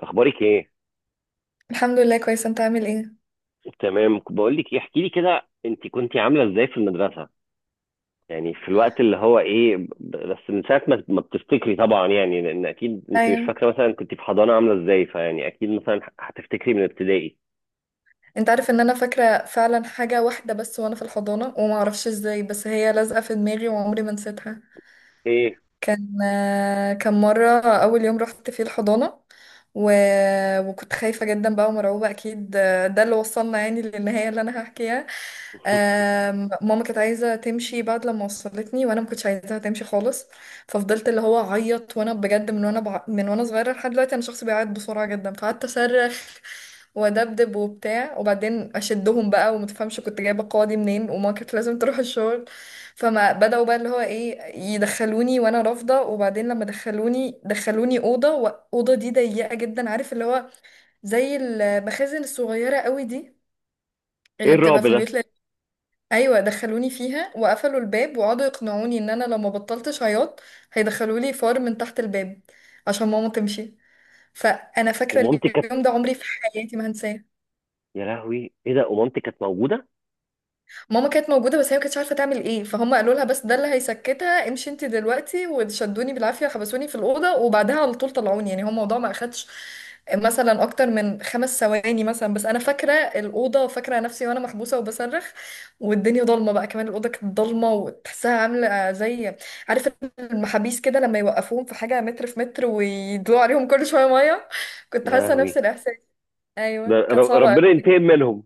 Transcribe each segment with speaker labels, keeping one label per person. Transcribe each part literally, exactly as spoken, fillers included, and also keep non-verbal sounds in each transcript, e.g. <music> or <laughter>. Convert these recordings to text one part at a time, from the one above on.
Speaker 1: اخبارك ايه؟
Speaker 2: الحمد لله كويس. انت عامل ايه؟
Speaker 1: تمام، بقول لك ايه، احكي لي كده، انت كنت عامله ازاي في المدرسه؟ يعني في الوقت اللي هو ايه، ب- بس من ساعه، ما ما بتفتكري، طبعا يعني، لان اكيد انت مش
Speaker 2: ايوه.
Speaker 1: فاكره مثلا كنت في حضانه عامله ازاي، فيعني اكيد مثلا ه- هتفتكري من ابتدائي.
Speaker 2: انت عارف ان انا فاكره فعلا حاجه واحده بس وانا في الحضانه، وما اعرفش ازاي بس هي لازقه في دماغي وعمري ما نسيتها.
Speaker 1: ايه؟
Speaker 2: كان آه، كان مرة أول يوم رحت فيه الحضانة و... وكنت خايفة جدا بقى ومرعوبة أكيد، آه، ده اللي وصلنا يعني للنهاية اللي أنا هحكيها. آم، ماما كانت عايزة تمشي بعد لما وصلتني، وأنا ما كنتش عايزاها تمشي خالص. ففضلت اللي هو أعيط، وأنا بجد من وأنا بع... من وأنا صغيرة لحد دلوقتي أنا شخص بيعيط بسرعة جدا، فقعدت أصرخ وأدبدب وبتاع، وبعدين أشدهم بقى ومتفهمش كنت جايبة القوة دي منين، وما كانت لازم تروح الشغل. فما بدأوا بقى اللي هو ايه، يدخلوني وانا رافضة، وبعدين لما دخلوني دخلوني أوضة، وأوضة دي ضيقة جدا، عارف اللي هو زي المخازن الصغيرة قوي دي
Speaker 1: ايه
Speaker 2: اللي بتبقى
Speaker 1: الرعب
Speaker 2: في
Speaker 1: ده؟
Speaker 2: البيوت ل- ايوه دخلوني فيها وقفلوا الباب، وقعدوا يقنعوني ان انا لو ما بطلتش عياط هيدخلوا لي فار من تحت الباب عشان ماما تمشي. فانا فاكره
Speaker 1: ومامتي كانت.
Speaker 2: اليوم ده عمري في حياتي ما هنساه.
Speaker 1: يا لهوي، ايه ده؟ ومامتي كانت موجوده؟
Speaker 2: ماما كانت موجودة بس هي ما كانتش عارفة تعمل ايه، فهم قالوا لها بس ده اللي هيسكتها، امشي انت دلوقتي، وشدوني بالعافية، حبسوني في الأوضة وبعدها على طول طلعوني. يعني هو الموضوع ما أخدش مثلا أكتر من خمس ثواني مثلا، بس أنا فاكرة الأوضة وفاكرة نفسي وأنا محبوسة وبصرخ، والدنيا ضلمة بقى، كمان الأوضة كانت ضلمة وتحسها عاملة زي، عارف، المحابيس كده لما يوقفوهم في حاجة متر في متر ويدلوا عليهم كل شوية مية. كنت
Speaker 1: يا
Speaker 2: حاسة نفس
Speaker 1: لهوي،
Speaker 2: الإحساس.
Speaker 1: ده
Speaker 2: أيوه كانت
Speaker 1: ر-
Speaker 2: صعبة.
Speaker 1: ربنا ينتقم منهم.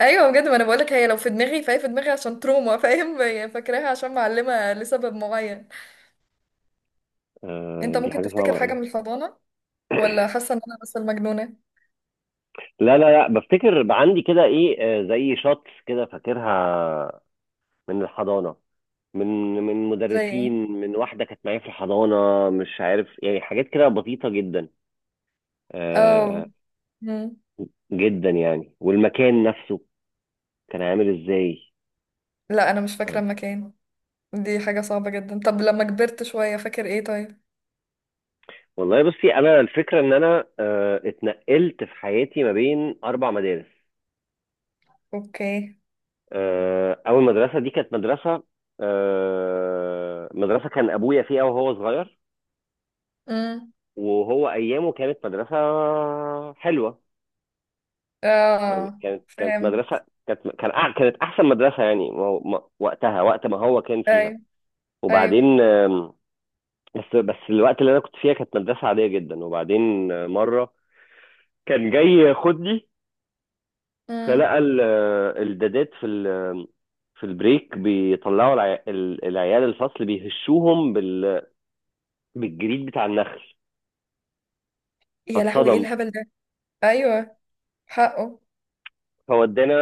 Speaker 2: ايوه بجد، ما انا بقولك هي لو في دماغي فهي في دماغي عشان تروما، فاهم؟ <laughs> هي فاكراها عشان معلمه لسبب معين.
Speaker 1: آه،
Speaker 2: انت
Speaker 1: دي
Speaker 2: ممكن
Speaker 1: حاجه
Speaker 2: تفتكر
Speaker 1: صعبه
Speaker 2: حاجه
Speaker 1: قوي.
Speaker 2: من الحضانه؟
Speaker 1: <coughs>
Speaker 2: ولا حاسه ان انا بس المجنونه؟
Speaker 1: لا، لا، لا، بفتكر بقى عندي كده ايه، آه، زي شوتس كده فاكرها من الحضانة، من من
Speaker 2: زي ايه؟
Speaker 1: مدرسين، من واحدة كانت معايا في الحضانة، مش عارف يعني، حاجات كده بسيطة جدا.
Speaker 2: اه.
Speaker 1: آه،
Speaker 2: مم.
Speaker 1: جدا يعني، والمكان نفسه كان عامل ازاي؟
Speaker 2: لا انا مش فاكره
Speaker 1: آه.
Speaker 2: المكان. دي حاجه صعبه جدا. طب لما كبرت شويه فاكر ايه طيب؟
Speaker 1: والله بصي، انا الفكرة ان انا آه اتنقلت في حياتي ما بين اربع مدارس.
Speaker 2: اوكي.
Speaker 1: آه، اول مدرسة دي كانت مدرسة، آه، مدرسة كان ابويا فيها وهو صغير،
Speaker 2: امم.
Speaker 1: وهو ايامه كانت مدرسة حلوة. يعني
Speaker 2: اه
Speaker 1: كانت كانت
Speaker 2: فاهم.
Speaker 1: مدرسة، كانت كان أع- كانت أحسن مدرسة، يعني ما هو- ما- وقتها، وقت ما هو كان فيها.
Speaker 2: ايوه ايوه.
Speaker 1: وبعدين، آم، بس بس الوقت اللي أنا كنت فيها كانت مدرسة عادية جدا. وبعدين آه، مرة كان جاي ياخدني،
Speaker 2: امم.
Speaker 1: فلقى ال- آه، الدادات في ال- في البريك بيطلعوا العي- ال- العيال الفصل، بيهشوهم بال- بالجريد بتاع النخل.
Speaker 2: يا لهوي، ايه
Speaker 1: فاتصدم،
Speaker 2: الهبل ده؟ ايوه، حقه.
Speaker 1: فودانا،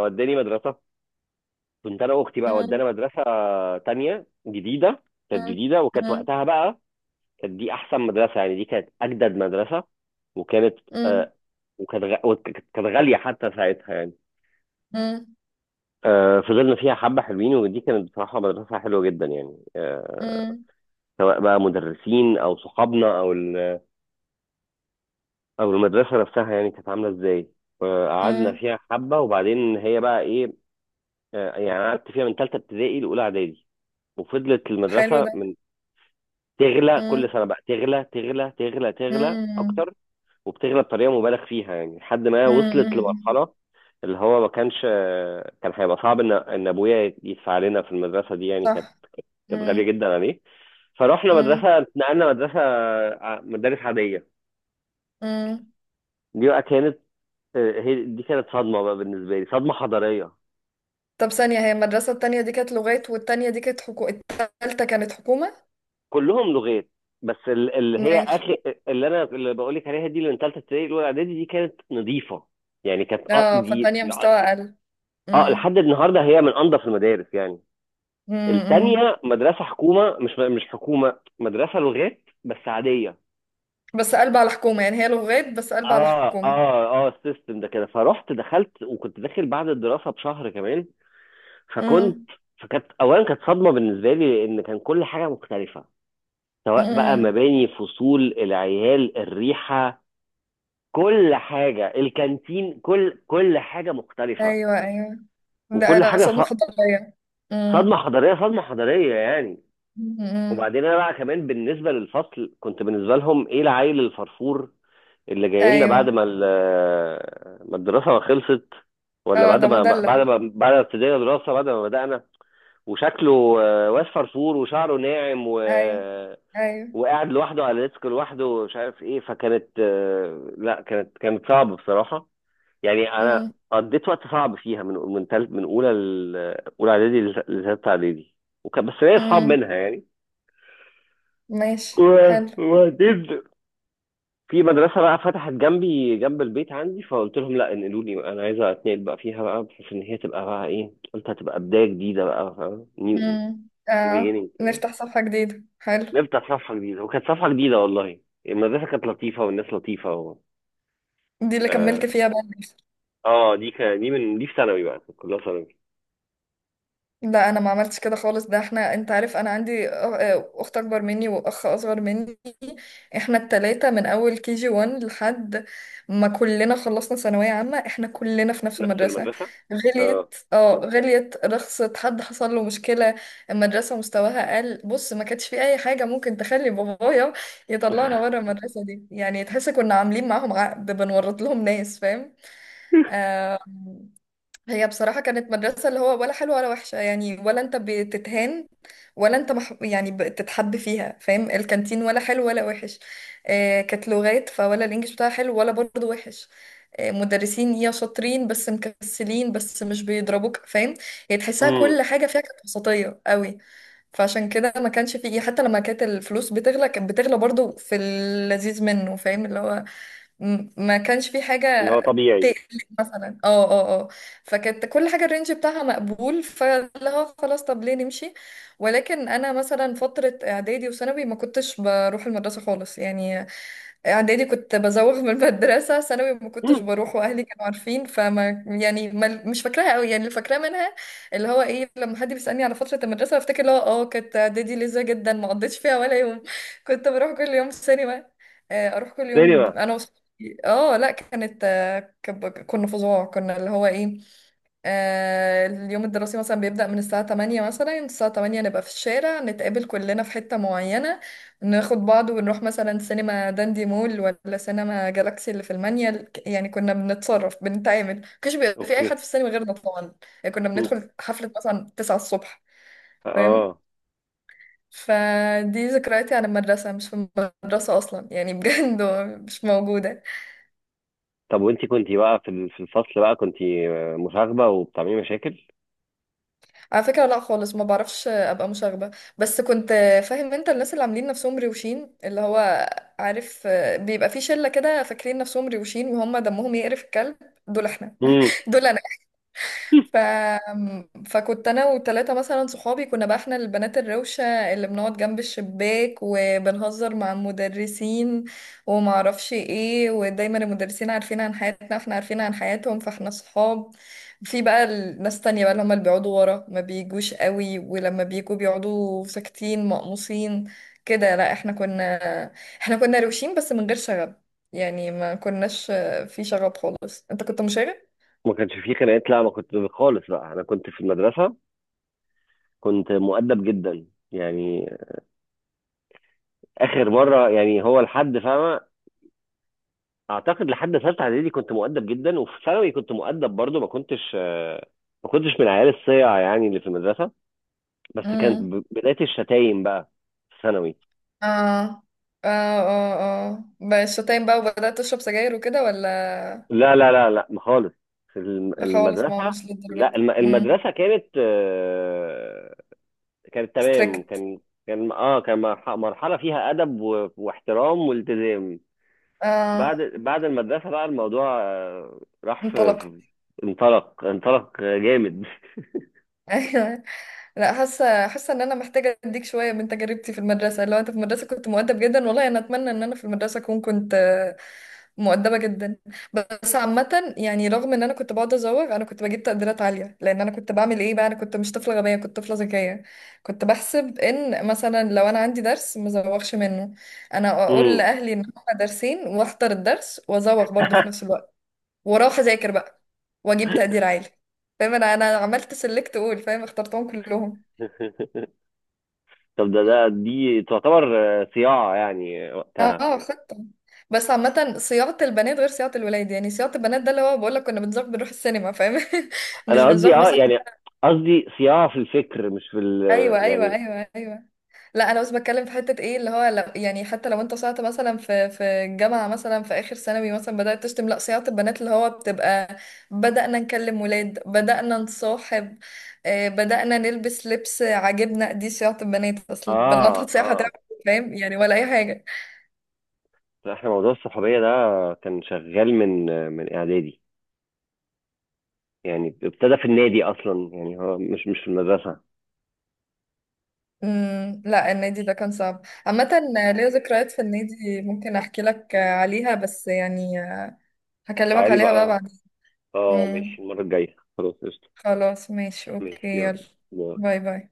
Speaker 1: وداني مدرسة. كنت أنا وأختي بقى، ودانا
Speaker 2: امم.
Speaker 1: مدرسة تانية جديدة. كانت
Speaker 2: امم.
Speaker 1: جديدة، وكانت
Speaker 2: امم.
Speaker 1: وقتها بقى كانت دي احسن مدرسه، يعني دي كانت اجدد مدرسه، وكانت
Speaker 2: امم.
Speaker 1: آه وكانت غ- وكانت كانت غاليه حتى ساعتها يعني. آه، فضلنا فيها حبة حلوين، ودي كانت بصراحة مدرسة حلوة جدا يعني. آه،
Speaker 2: امم.
Speaker 1: سواء بقى مدرسين أو صحابنا أو ال- أو المدرسة نفسها، يعني كانت عاملة إزاي. آه، قعدنا
Speaker 2: امم.
Speaker 1: فيها حبة، وبعدين هي بقى إيه. آه، يعني قعدت فيها من تالتة ابتدائي لأولى إعدادي. وفضلت
Speaker 2: حلو
Speaker 1: المدرسة
Speaker 2: ده.
Speaker 1: من، تغلى كل
Speaker 2: مم.
Speaker 1: سنة بقى، تغلى تغلى تغلى تغلى
Speaker 2: مم.
Speaker 1: أكتر، وبتغلى بطريقه مبالغ فيها يعني، لحد ما
Speaker 2: مم.
Speaker 1: وصلت
Speaker 2: مم.
Speaker 1: لمرحله، اللي هو ما كانش كان هيبقى صعب ان ان ابويا يدفع لنا في المدرسه دي. يعني كانت
Speaker 2: صح.
Speaker 1: كانت غاليه
Speaker 2: مم.
Speaker 1: جدا عليه. فروحنا
Speaker 2: مم.
Speaker 1: مدرسه، اتنقلنا مدرسه، ع- مدارس عاديه.
Speaker 2: مم.
Speaker 1: دي بقى كانت آه، هي دي كانت صدمه بقى بالنسبه لي، صدمه حضاريه.
Speaker 2: طب ثانية، هي المدرسة التانية دي كانت لغات، والتانية دي كانت حكو... التالتة كانت حكومة؟
Speaker 1: كلهم لغات، بس ال- اللي هي
Speaker 2: ماشي.
Speaker 1: اخر، اللي انا اللي بقول لك عليها دي، اللي من ثالثه ابتدائي الاولى اعدادي، دي كانت نظيفه. يعني كانت أ-
Speaker 2: اه،
Speaker 1: دي،
Speaker 2: فالتانية مستوى
Speaker 1: اه
Speaker 2: أقل.
Speaker 1: آه،
Speaker 2: مم.
Speaker 1: لحد النهارده هي من انضف المدارس يعني.
Speaker 2: امم.
Speaker 1: التانية مدرسة حكومة، مش مش حكومة، مدرسة لغات بس عادية.
Speaker 2: بس قلب على حكومة يعني، هي لغات بس قلب على
Speaker 1: اه،
Speaker 2: حكومة.
Speaker 1: اه، اه، السيستم ده كده. فرحت دخلت، وكنت داخل بعد الدراسة بشهر كمان. فكنت
Speaker 2: مم.
Speaker 1: فكانت اولا، كانت صدمة بالنسبة لي، لان كان كل حاجة مختلفة، سواء بقى
Speaker 2: مم.
Speaker 1: مباني، فصول، العيال، الريحة، كل حاجة، الكانتين، كل كل حاجة مختلفة،
Speaker 2: ايوه ايوه. ده
Speaker 1: وكل
Speaker 2: لا،
Speaker 1: حاجة
Speaker 2: صدمة
Speaker 1: ص-
Speaker 2: حضارية.
Speaker 1: صدمة
Speaker 2: مم.
Speaker 1: حضارية، صدمة حضارية يعني.
Speaker 2: مم.
Speaker 1: وبعدين انا بقى كمان بالنسبه للفصل، كنت بالنسبه لهم ايه، العيل الفرفور اللي جاي لنا بعد
Speaker 2: ايوه.
Speaker 1: ما ال- ما الدراسه ما خلصت، ولا
Speaker 2: اه
Speaker 1: بعد
Speaker 2: ده
Speaker 1: ما
Speaker 2: مدلل.
Speaker 1: بعد ما بعد ما ابتدينا دراسه، بعد ما بدانا، وشكله آه، واد فرفور، وشعره ناعم، و
Speaker 2: ايوه ايوه.
Speaker 1: وقاعد لوحده على ديسك لوحده، ومش عارف ايه. فكانت آه، لا، كانت كانت صعبه بصراحه. يعني انا
Speaker 2: مم.
Speaker 1: قضيت وقت صعب فيها، من من تالت، من اولى ل- اولى اعدادي لثالثه اعدادي. وكان بس ليا اصحاب
Speaker 2: مم.
Speaker 1: منها يعني.
Speaker 2: ماشي
Speaker 1: و-
Speaker 2: حلو.
Speaker 1: وبعدين في مدرسة بقى فتحت جنبي، جنب البيت عندي، فقلت لهم لا، انقلوني بقى، انا عايزة اتنقل بقى فيها بقى، بحيث ان هي تبقى بقى ايه، قلت هتبقى بداية جديدة بقى، فاهم، نيو نيو
Speaker 2: مم. اه
Speaker 1: بيجينينج،
Speaker 2: نفتح صفحة جديدة، حلو.
Speaker 1: نبدأ صفحة جديدة. وكانت صفحة جديدة والله، المدرسة كانت لطيفة، والناس لطيفة، و.
Speaker 2: دي اللي
Speaker 1: اه،
Speaker 2: كملت فيها بقى؟
Speaker 1: آه، دي ك... دي من دي في ثانوي بقى، كانت كلها ثانوي.
Speaker 2: لا انا ما عملتش كده خالص. ده احنا، انت عارف انا عندي أ- اخت اكبر مني واخ اصغر مني، احنا التلاتة من اول كي جي وان لحد ما كلنا خلصنا ثانوية عامة احنا كلنا في نفس
Speaker 1: نفس
Speaker 2: المدرسة.
Speaker 1: المدرسة. اه.
Speaker 2: غليت، اه غليت، رخصت، حد حصل له مشكلة، المدرسة مستواها قل، بص ما كانش في اي حاجة ممكن تخلي بابايا يطلعنا بره
Speaker 1: <laughs>
Speaker 2: المدرسة دي. يعني تحس كنا عاملين معاهم عقد بنورط لهم ناس، فاهم؟ آه. هي بصراحة كانت مدرسة اللي هو ولا حلوة ولا وحشة، يعني ولا انت بتتهان ولا انت مح... يعني بتتحب فيها، فاهم؟ الكانتين ولا حلو ولا وحش، آه كانت لغات فولا الانجليش بتاعها حلو ولا برضه وحش، آه مدرسين يا شاطرين بس مكسلين بس مش بيضربوك، فاهم؟ يعني تحسها
Speaker 1: امم،
Speaker 2: كل حاجة فيها كانت وسطية قوي. فعشان كده ما كانش فيه، حتى لما كانت الفلوس بتغلى كانت بتغلى برضه في اللذيذ منه، فاهم اللي هو، م- ما كانش في حاجة
Speaker 1: اللي هو طبيعي.
Speaker 2: تقلق مثلا، اه اه اه. فكانت كل حاجة الرينج بتاعها مقبول، فاللي هو خلاص طب ليه نمشي. ولكن انا مثلا فترة اعدادي وثانوي ما كنتش بروح المدرسة خالص يعني، اعدادي كنت بزوغ من المدرسة، ثانوي ما كنتش
Speaker 1: مم.
Speaker 2: بروح، واهلي كانوا عارفين، فما يعني، ما مش فاكراها قوي، يعني اللي فاكراه منها اللي هو ايه، لما حد بيسألني على فترة المدرسة بفتكر اللي هو اه كانت اعدادي لذيذة جدا ما قضيتش فيها ولا يوم. <laughs> كنت بروح كل يوم سينما، آه، اروح كل
Speaker 1: تاني
Speaker 2: يوم
Speaker 1: بقى.
Speaker 2: انا وصحابي، اه لا كانت كب- كنا فظاع، كنا اللي هو ايه، آه اليوم الدراسي مثلا بيبدأ من الساعة تمانية مثلا، الساعة الثامنة نبقى في الشارع، نتقابل كلنا في حتة معينة، ناخد بعض ونروح مثلا سينما داندي مول ولا سينما جالاكسي اللي في المانيال. ك- يعني كنا بنتصرف بنتعامل، مكانش بيبقى في اي
Speaker 1: اوكي.
Speaker 2: حد في السينما غيرنا طبعا، يعني كنا
Speaker 1: مم.
Speaker 2: بندخل حفلة مثلا تسعة الصبح، فاهم؟
Speaker 1: اه.
Speaker 2: فدي ذكرياتي عن المدرسة، مش في المدرسة أصلا يعني، بجد <laughs> مش موجودة.
Speaker 1: طب، وانتي كنتي بقى في ال- في الفصل بقى، كنتي آه، مشاغبة وبتعملي مشاكل؟
Speaker 2: على فكرة لا خالص، ما بعرفش ابقى مشاغبة، بس كنت، فاهم انت الناس اللي عاملين نفسهم روشين اللي هو، عارف، بيبقى في شلة كده فاكرين نفسهم روشين وهم دمهم يقرف الكلب، دول احنا. <laughs>
Speaker 1: امم.
Speaker 2: دول ف... فكنت انا وثلاثه مثلا صحابي، كنا بقى احنا البنات الروشه اللي بنقعد جنب الشباك وبنهزر مع المدرسين وما اعرفش ايه، ودايما المدرسين عارفين عن حياتنا احنا عارفين عن حياتهم، فاحنا صحاب. في بقى الناس تانية بقى اللي هم اللي بيقعدوا ورا، ما بيجوش قوي ولما بيجوا بيقعدوا ساكتين مقموصين كده. لا احنا كنا، احنا كنا روشين بس من غير شغب، يعني ما كناش في شغب خالص. انت كنت
Speaker 1: ما كانش فيه خناقات، لا ما كنت خالص بقى، انا كنت في المدرسه كنت مؤدب جدا يعني. اخر مره يعني هو لحد فاهمه، اعتقد لحد ثالثه اعدادي كنت مؤدب جدا، وفي ثانوي كنت مؤدب برضو، ما كنتش آه، ما كنتش من العيال الصيع، يعني اللي في المدرسه. بس كانت
Speaker 2: مشاغب؟
Speaker 1: ب- بدايه الشتايم بقى في ثانوي.
Speaker 2: اه اه اه، اه بقى شتايم بقى وبدأت تشرب سجاير وكده ولا؟
Speaker 1: لا، لا، لا، لا، خالص، في الم-
Speaker 2: لا خالص ما هو
Speaker 1: المدرسه،
Speaker 2: مش للدرجة
Speaker 1: لا الم-
Speaker 2: دي. امم.
Speaker 1: المدرسه كانت آه، كانت تمام.
Speaker 2: ستريكت.
Speaker 1: كان كان اه كان مرح- مرحله فيها ادب و- واحترام والتزام.
Speaker 2: اه
Speaker 1: بعد بعد المدرسه بقى الموضوع، آه، راح في
Speaker 2: انطلقت.
Speaker 1: في- انطلق، انطلق جامد. <laughs>
Speaker 2: <laughs> لا حاسه حاسه ان انا محتاجه اديك شويه من تجربتي في المدرسه. لو انت في المدرسه كنت مؤدب جدا، والله انا اتمنى ان انا في المدرسه اكون كنت آه، مؤدبه جدا. بس عامه، يعني رغم ان انا كنت بقعد ازوغ انا كنت بجيب تقديرات عاليه، لان انا كنت بعمل ايه بقى، انا كنت مش طفله غبيه، كنت طفله ذكيه، كنت بحسب ان مثلا لو انا عندي درس ما ازوغش منه، انا اقول
Speaker 1: مم.
Speaker 2: لاهلي ان هما درسين واحضر الدرس وازوغ برضه في نفس الوقت، واروح اذاكر بقى واجيب تقدير
Speaker 1: <laughs>
Speaker 2: عالي، فاهم؟ انا انا عملت سلكت قول، فاهم اخترتهم كلهم.
Speaker 1: طب ده، ده دي تعتبر آه، صياعه يعني وقتها؟
Speaker 2: اه خطة. بس عامة صياعة البنات غير صياعة الولاد، يعني صياعة البنات ده اللي هو بقول لك كنا بنزاغ بنروح السينما، فاهم؟ <laughs> مش
Speaker 1: انا قصدي
Speaker 2: بنزاغ
Speaker 1: اه
Speaker 2: مثلا.
Speaker 1: يعني، قصدي صياعه في الفكر مش في ال،
Speaker 2: ايوه ايوه
Speaker 1: يعني.
Speaker 2: ايوه ايوه. لا انا بس بتكلم في حتة ايه اللي هو، لو يعني حتى لو انت صيعت مثلا في في الجامعة مثلا، في اخر ثانوي مثلا بدأت تشتم، لا صياعة البنات اللي هو بتبقى، بدأنا نكلم ولاد، بدأنا نصاحب، آه، بدأنا نلبس لبس عاجبنا، دي صياعة البنات، اصل البنات
Speaker 1: اه،
Speaker 2: هتصيح هتعمل
Speaker 1: اه،
Speaker 2: إيه، فاهم يعني، ولا اي حاجة.
Speaker 1: احنا موضوع الصحوبيه ده كان شغال من، من اعدادي، يعني ابتدى في النادي اصلا، يعني هو مش مش في المدرسه.
Speaker 2: امم. لا النادي ده كان صعب عامة، ليا ذكريات في النادي ممكن احكي لك عليها بس، يعني هكلمك
Speaker 1: تعالي
Speaker 2: عليها بقى
Speaker 1: بقى.
Speaker 2: بعدين.
Speaker 1: اه
Speaker 2: امم.
Speaker 1: ماشي، المره الجايه خلاص، قشطه.
Speaker 2: خلاص ماشي اوكي
Speaker 1: ماشي يلا.
Speaker 2: يلا.
Speaker 1: باي.
Speaker 2: باي باي.